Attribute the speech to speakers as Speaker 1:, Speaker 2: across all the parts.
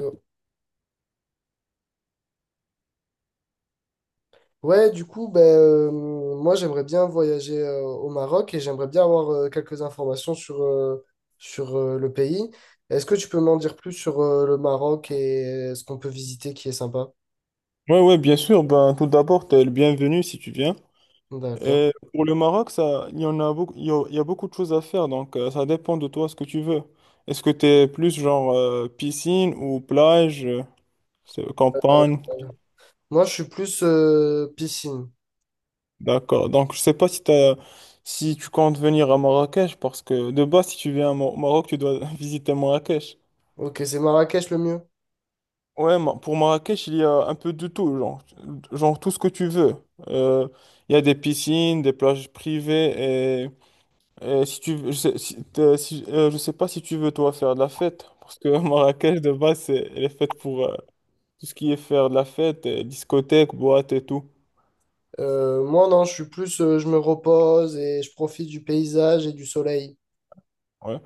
Speaker 1: Euh, Ouais, du coup, ben, moi j'aimerais bien voyager au Maroc et j'aimerais bien avoir quelques informations sur le pays. Est-ce que tu peux m'en dire plus sur le Maroc et ce qu'on peut visiter qui est sympa?
Speaker 2: Ouais, ouais, bien sûr. Ben, tout d'abord, t'es le bienvenu si tu viens.
Speaker 1: D'accord.
Speaker 2: Pour le Maroc, ça, il y en a beaucoup, il y a beaucoup de choses à faire, donc ça dépend de toi ce que tu veux. Est-ce que t'es plus genre piscine ou plage, campagne?
Speaker 1: Moi je suis plus piscine.
Speaker 2: D'accord. Donc, je sais pas si tu comptes venir à Marrakech, parce que de base, si tu viens à au Maroc, tu dois visiter Marrakech.
Speaker 1: Ok, c'est Marrakech le mieux.
Speaker 2: Ouais, pour Marrakech, il y a un peu de tout, genre tout ce que tu veux. Euh, Il y a des piscines, des plages privées. Et si tu veux- je sais, si, je sais pas si tu veux toi faire de la fête, parce que Marrakech de base, elle est faite pour tout ce qui est faire de la fête, discothèque, boîte et tout.
Speaker 1: Moi non, je suis plus je me repose et je profite du paysage et du soleil.
Speaker 2: Ouais.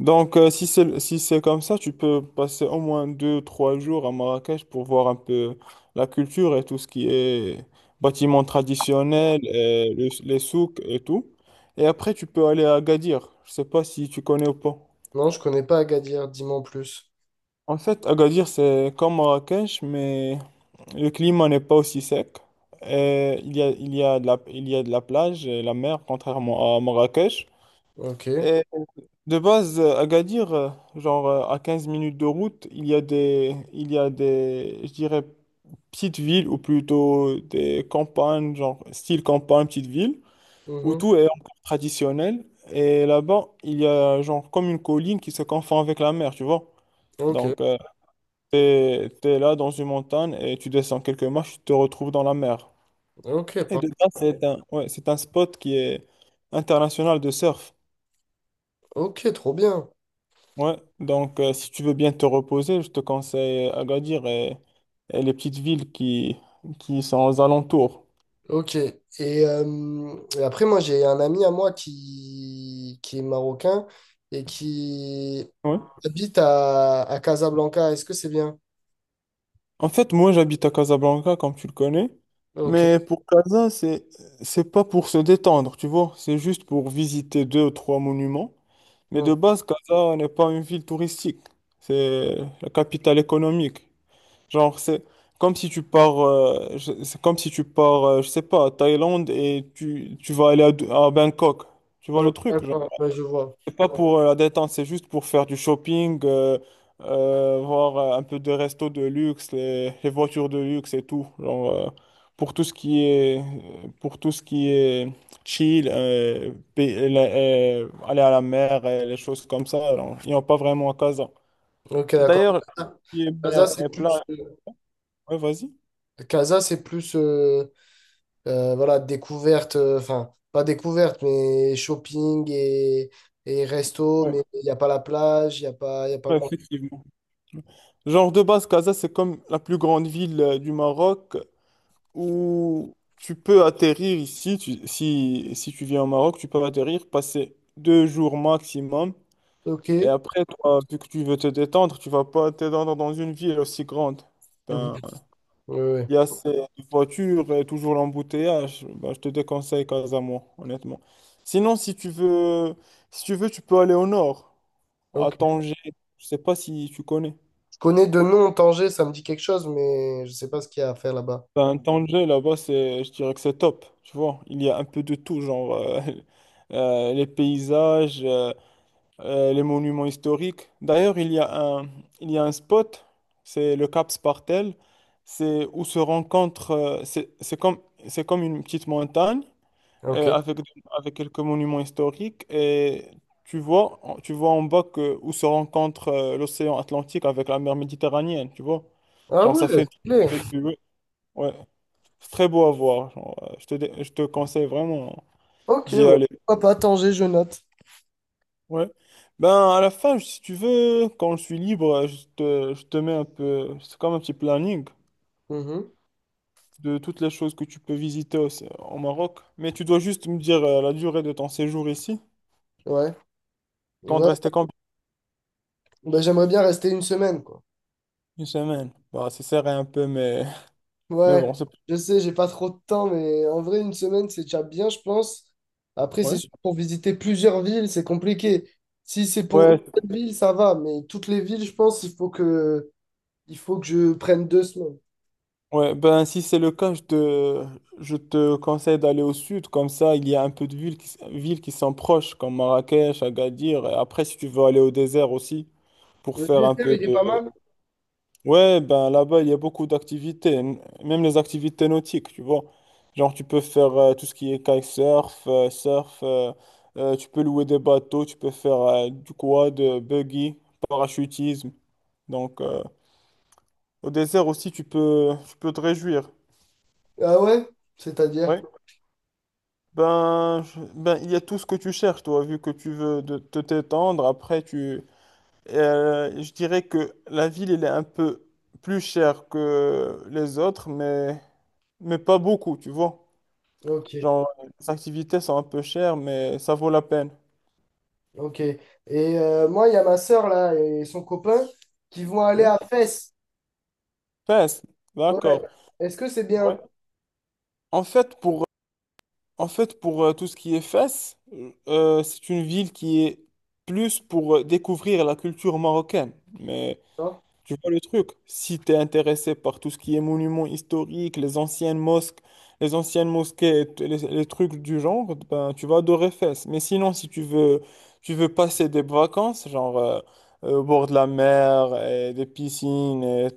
Speaker 2: Donc si c'est comme ça, tu peux passer au moins 2, 3 jours à Marrakech pour voir un peu la culture et tout ce qui est bâtiments traditionnels, et les souks et tout. Et après, tu peux aller à Agadir. Je sais pas si tu connais ou pas.
Speaker 1: Non, je connais pas Agadir, dis-moi en plus.
Speaker 2: En fait, Agadir, c'est comme Marrakech, mais le climat n'est pas aussi sec. Il y a de la plage et la mer, contrairement à Marrakech.
Speaker 1: Ok.
Speaker 2: Et de base, Agadir, à 15 minutes de route, il y a des, je dirais, petites villes ou plutôt des campagnes, genre style campagne, petite ville, où
Speaker 1: Mhm.
Speaker 2: tout est encore traditionnel. Et là-bas, il y a genre comme une colline qui se confond avec la mer, tu vois.
Speaker 1: Ok.
Speaker 2: Donc, t'es là dans une montagne et tu descends quelques marches, tu te retrouves dans la mer.
Speaker 1: Ok,
Speaker 2: Et de là, ouais, c'est un spot qui est international de surf.
Speaker 1: ok, trop bien.
Speaker 2: Ouais. Donc, si tu veux bien te reposer, je te conseille Agadir, et les petites villes qui sont aux alentours.
Speaker 1: Ok. Et après, moi, j'ai un ami à moi qui est marocain et qui
Speaker 2: Ouais.
Speaker 1: habite à Casablanca. Est-ce que c'est bien?
Speaker 2: En fait, moi, j'habite à Casablanca, comme tu le connais.
Speaker 1: Ok.
Speaker 2: Mais pour Casa, c'est pas pour se détendre, tu vois. C'est juste pour visiter deux ou trois monuments. Mais de
Speaker 1: Donc,
Speaker 2: base, Casa n'est pas une ville touristique. C'est la capitale économique. Genre, c'est comme si tu pars, je sais pas, à Thaïlande et tu vas aller à Bangkok. Tu vois le truc, genre.
Speaker 1: d'accord, ouais, je vois.
Speaker 2: C'est pas pour la détente, c'est juste pour faire du shopping, voir un peu de resto de luxe, les voitures de luxe et tout. Genre, pour tout ce qui est, pour tout ce qui est chill, aller à la mer et les choses comme ça, alors, ils n'ont pas vraiment à Casa.
Speaker 1: Ok, d'accord.
Speaker 2: D'ailleurs, qui est
Speaker 1: Casa,
Speaker 2: mer
Speaker 1: c'est
Speaker 2: et
Speaker 1: plus,
Speaker 2: plage,
Speaker 1: euh,
Speaker 2: ouais, vas-y.
Speaker 1: Casa, c'est plus voilà, découverte, enfin, pas découverte, mais shopping et resto,
Speaker 2: Ouais.
Speaker 1: mais il n'y a pas la plage, il n'y a pas, il y a pas
Speaker 2: Ouais,
Speaker 1: grand.
Speaker 2: effectivement. Genre de base, Casa, c'est comme la plus grande ville du Maroc où tu peux atterrir ici. Si tu viens au Maroc, tu peux atterrir, passer 2 jours maximum.
Speaker 1: Ok.
Speaker 2: Et après, toi, vu que tu veux te détendre, tu vas pas te détendre dans une ville aussi grande.
Speaker 1: Mhm.
Speaker 2: Ben,
Speaker 1: Ouais, ouais.
Speaker 2: il y a ces voitures et toujours l'embouteillage. Ben, je te déconseille Casa, moi, honnêtement. Sinon, si tu veux, tu peux aller au nord, à
Speaker 1: Ok.
Speaker 2: Tanger. Je sais pas si tu connais.
Speaker 1: Connais de nom Tanger, ça me dit quelque chose, mais je sais pas ce qu'il y a à faire là-bas.
Speaker 2: Ben, Tanger, là-bas, je dirais que c'est top, tu vois. Il y a un peu de tout, genre les paysages, les monuments historiques. D'ailleurs, un, il y a un spot, c'est le Cap Spartel, c'est où se rencontrent, c'est comme une petite montagne euh,
Speaker 1: Ok.
Speaker 2: avec, avec quelques monuments historiques, et tu vois en bas où se rencontre l'océan Atlantique avec la mer Méditerranéenne, tu vois.
Speaker 1: Ah
Speaker 2: Genre, ça
Speaker 1: ouais,
Speaker 2: fait une
Speaker 1: stylé.
Speaker 2: très belle vue. Ouais. C'est très beau à voir. Genre, je te conseille vraiment, hein,
Speaker 1: Ok,
Speaker 2: d'y
Speaker 1: bah,
Speaker 2: aller.
Speaker 1: pourquoi pas Tanger, je note.
Speaker 2: Ouais. Ben, à la fin, si tu veux, quand je suis libre, je te mets un peu. C'est comme un petit planning
Speaker 1: Mhm.
Speaker 2: de toutes les choses que tu peux visiter au Maroc. Mais tu dois juste me dire la durée de ton séjour ici.
Speaker 1: Ouais,
Speaker 2: Quand
Speaker 1: ouais.
Speaker 2: rester combien?
Speaker 1: Bah, j'aimerais bien rester 1 semaine, quoi.
Speaker 2: Une semaine. Bah, c'est serré un peu, mais
Speaker 1: Ouais,
Speaker 2: bon, c'est.
Speaker 1: je sais, j'ai pas trop de temps, mais en vrai, 1 semaine, c'est déjà bien, je pense. Après, c'est
Speaker 2: Ouais.
Speaker 1: sûr, pour visiter plusieurs villes, c'est compliqué. Si c'est pour une
Speaker 2: Ouais,
Speaker 1: seule ville, ça va, mais toutes les villes, je pense, il faut que je prenne 2 semaines.
Speaker 2: ouais, ben si c'est le cas, je te conseille d'aller au sud, comme ça il y a un peu de villes qui, villes qui sont proches, comme Marrakech, Agadir, et après si tu veux aller au désert aussi, pour
Speaker 1: Le
Speaker 2: faire un
Speaker 1: désert,
Speaker 2: peu
Speaker 1: il est pas
Speaker 2: de.
Speaker 1: mal.
Speaker 2: Ouais, ben là-bas il y a beaucoup d'activités, même les activités nautiques, tu vois. Genre tu peux faire tout ce qui est kitesurf, surf, tu peux louer des bateaux, tu peux faire du quad, buggy, parachutisme. Donc au désert aussi tu peux te réjouir.
Speaker 1: Ah ouais? C'est-à-dire?
Speaker 2: Ouais. Ben, il y a tout ce que tu cherches, toi, vu que tu veux te t'étendre. Après, je dirais que la ville, elle est un peu plus chère que les autres, mais pas beaucoup, tu vois.
Speaker 1: Ok.
Speaker 2: Genre, les activités sont un peu chères, mais ça vaut la peine.
Speaker 1: Ok. Et moi, il y a ma sœur là et son copain qui vont aller
Speaker 2: Ouais.
Speaker 1: à Fès.
Speaker 2: Fès,
Speaker 1: Ouais.
Speaker 2: d'accord.
Speaker 1: Est-ce que c'est bien?
Speaker 2: Ouais. En fait, pour, en fait, pour tout ce qui est Fès, c'est une ville qui est plus pour découvrir la culture marocaine. Mais
Speaker 1: Non?
Speaker 2: tu vois le truc, si tu es intéressé par tout ce qui est monuments historiques, les anciennes mosquées, et les trucs du genre, ben, tu vas adorer Fès. Mais sinon, si tu veux, tu veux passer des vacances, genre au bord de la mer, et des piscines, et,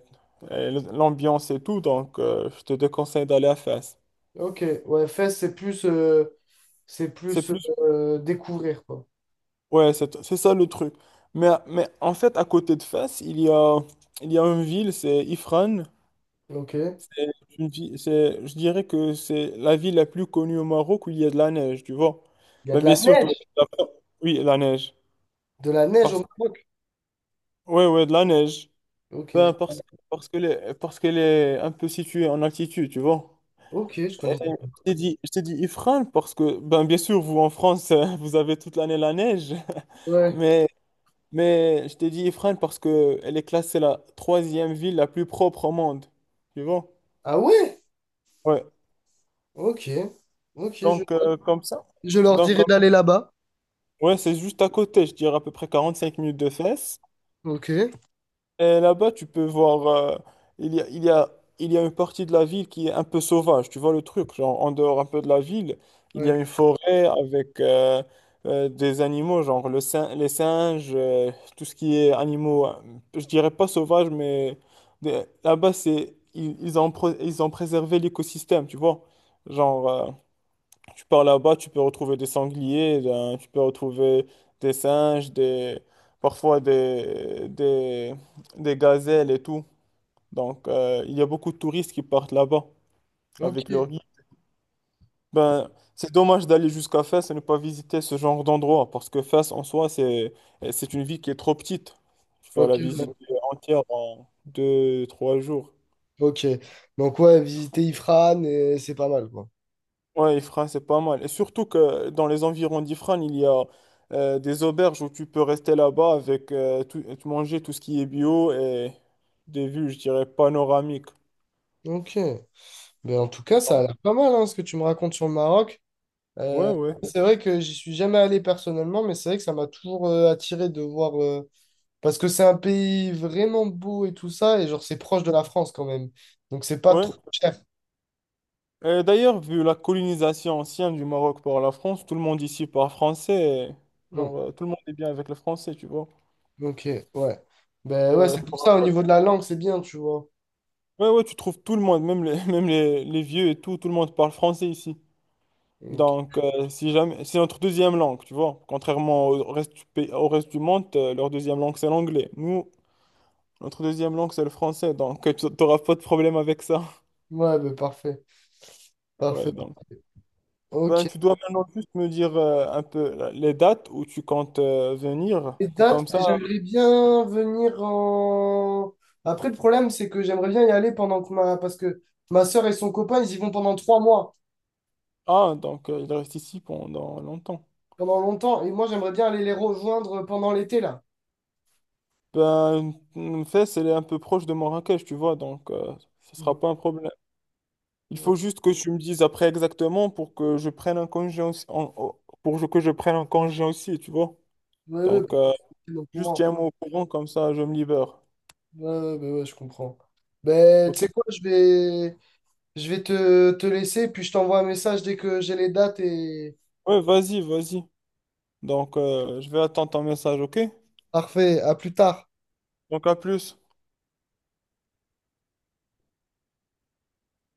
Speaker 2: et l'ambiance et tout, donc je te déconseille d'aller à Fès.
Speaker 1: Ok. Ouais, Fès, c'est plus, euh, c'est
Speaker 2: C'est
Speaker 1: plus
Speaker 2: plus.
Speaker 1: euh, découvrir, quoi.
Speaker 2: Ouais, c'est ça le truc. Mais en fait, à côté de Fès, il y a une ville, c'est Ifrane.
Speaker 1: Ok. Il
Speaker 2: C'est une vi- c'est- je dirais que c'est la ville la plus connue au Maroc où il y a de la neige, tu vois.
Speaker 1: y a
Speaker 2: Ben,
Speaker 1: de
Speaker 2: bien
Speaker 1: la
Speaker 2: sûr, toi,
Speaker 1: neige.
Speaker 2: t'as pas- oui, la neige.
Speaker 1: De la neige
Speaker 2: Parce.
Speaker 1: au Maroc.
Speaker 2: Ouais, ouais, de la neige.
Speaker 1: Ok.
Speaker 2: Ben, parce parce qu'elle est un peu située en altitude, tu vois.
Speaker 1: Ok, je
Speaker 2: Et
Speaker 1: connais.
Speaker 2: je t'ai dit Ifrane parce que, ben, bien sûr, vous en France, vous avez toute l'année la neige.
Speaker 1: Ouais.
Speaker 2: Mais, mais je t'ai dit Ifrane parce que elle est classée la troisième ville la plus propre au monde, tu vois.
Speaker 1: Ah ouais?
Speaker 2: Ouais,
Speaker 1: Ok. Ok, je,
Speaker 2: donc comme ça.
Speaker 1: je leur
Speaker 2: Donc,
Speaker 1: dirai d'aller là-bas.
Speaker 2: ouais, c'est juste à côté, je dirais à peu près 45 minutes de Fès.
Speaker 1: Ok.
Speaker 2: Et là-bas, tu peux voir, il y a, il y a, il y a une partie de la ville qui est un peu sauvage, tu vois le truc, genre en dehors un peu de la ville, il y
Speaker 1: Ouais.
Speaker 2: a une forêt avec des animaux, genre les singes, tout ce qui est animaux, je dirais pas sauvage, mais là-bas, ils ont préservé l'écosystème, tu vois. Genre, tu pars là-bas, tu peux retrouver des sangliers, ben, tu peux retrouver des singes, parfois des gazelles et tout. Donc, il y a beaucoup de touristes qui partent là-bas
Speaker 1: Ok.
Speaker 2: avec leur guide. Ben, c'est dommage d'aller jusqu'à Fès et ne pas visiter ce genre d'endroit parce que Fès en soi, c'est une ville qui est trop petite. Tu vas
Speaker 1: Ok.
Speaker 2: la visiter
Speaker 1: Ouais.
Speaker 2: entière en 2, 3 jours.
Speaker 1: Ok. Donc ouais, visiter Ifrane, et c'est pas mal, quoi.
Speaker 2: Ouais, Ifrane, c'est pas mal. Et surtout que dans les environs d'Ifrane, il y a des auberges où tu peux rester là-bas avec tout, et manger tout ce qui est bio et des vues, je dirais, panoramiques.
Speaker 1: Ok. Mais en tout cas, ça a
Speaker 2: Donc,
Speaker 1: l'air pas mal, hein, ce que tu me racontes sur le Maroc.
Speaker 2: ouais,
Speaker 1: Euh,
Speaker 2: ouais,
Speaker 1: c'est vrai que j'y suis jamais allé personnellement, mais c'est vrai que ça m'a toujours attiré de voir, parce que c'est un pays vraiment beau et tout ça, et genre c'est proche de la France quand même. Donc c'est pas
Speaker 2: ouais.
Speaker 1: trop cher.
Speaker 2: Et d'ailleurs, vu la colonisation ancienne du Maroc par la France, tout le monde ici parle français. Et,
Speaker 1: Bon,
Speaker 2: genre, tout le monde est bien avec le français, tu vois.
Speaker 1: ok, ouais.
Speaker 2: Donc,
Speaker 1: Ben ouais, c'est pour
Speaker 2: t'auras
Speaker 1: ça, au
Speaker 2: pas de-
Speaker 1: niveau de la langue, c'est bien, tu vois.
Speaker 2: ouais, ouais, tu trouves tout le monde, même les vieux et tout, tout le monde parle français ici.
Speaker 1: Ok.
Speaker 2: Donc, si jamais, c'est notre deuxième langue, tu vois. Contrairement au reste du monde, leur deuxième langue, c'est l'anglais. Nous, notre deuxième langue, c'est le français. Donc, tu n'auras pas de problème avec ça.
Speaker 1: Ouais, ben parfait. Parfait.
Speaker 2: Ouais, donc.
Speaker 1: Ok.
Speaker 2: Ben, tu dois maintenant juste me dire un peu les dates où tu comptes venir
Speaker 1: Les
Speaker 2: pour
Speaker 1: dates,
Speaker 2: comme ça.
Speaker 1: j'aimerais bien venir en... Après, le problème, c'est que j'aimerais bien y aller pendant que ma... Parce que ma sœur et son copain, ils y vont pendant 3 mois,
Speaker 2: Ah, donc il reste ici pendant longtemes.
Speaker 1: pendant longtemps. Et moi, j'aimerais bien aller les rejoindre pendant l'été, là.
Speaker 2: Ben, Fès, elle est un peu proche de Marrakech, tu vois, donc ce sera
Speaker 1: Mhm.
Speaker 2: pas un problème. Il faut juste que tu me dises après exactement pour que je prenne un congé aussi, pour que je prenne un congé aussi, tu vois.
Speaker 1: Ouais, ouais,
Speaker 2: Donc,
Speaker 1: parce que c'est au
Speaker 2: juste
Speaker 1: courant.
Speaker 2: tiens-moi au courant, comme ça, je me libère.
Speaker 1: Ouais, ouais, ouais, ouais, je comprends. Ben, tu sais
Speaker 2: OK?
Speaker 1: quoi, je vais te, laisser, puis je t'envoie un message dès que j'ai les dates et...
Speaker 2: Ouais, vas-y, vas-y. Donc, je vais attendre ton message, OK?
Speaker 1: Parfait, à plus tard.
Speaker 2: Donc, à plus.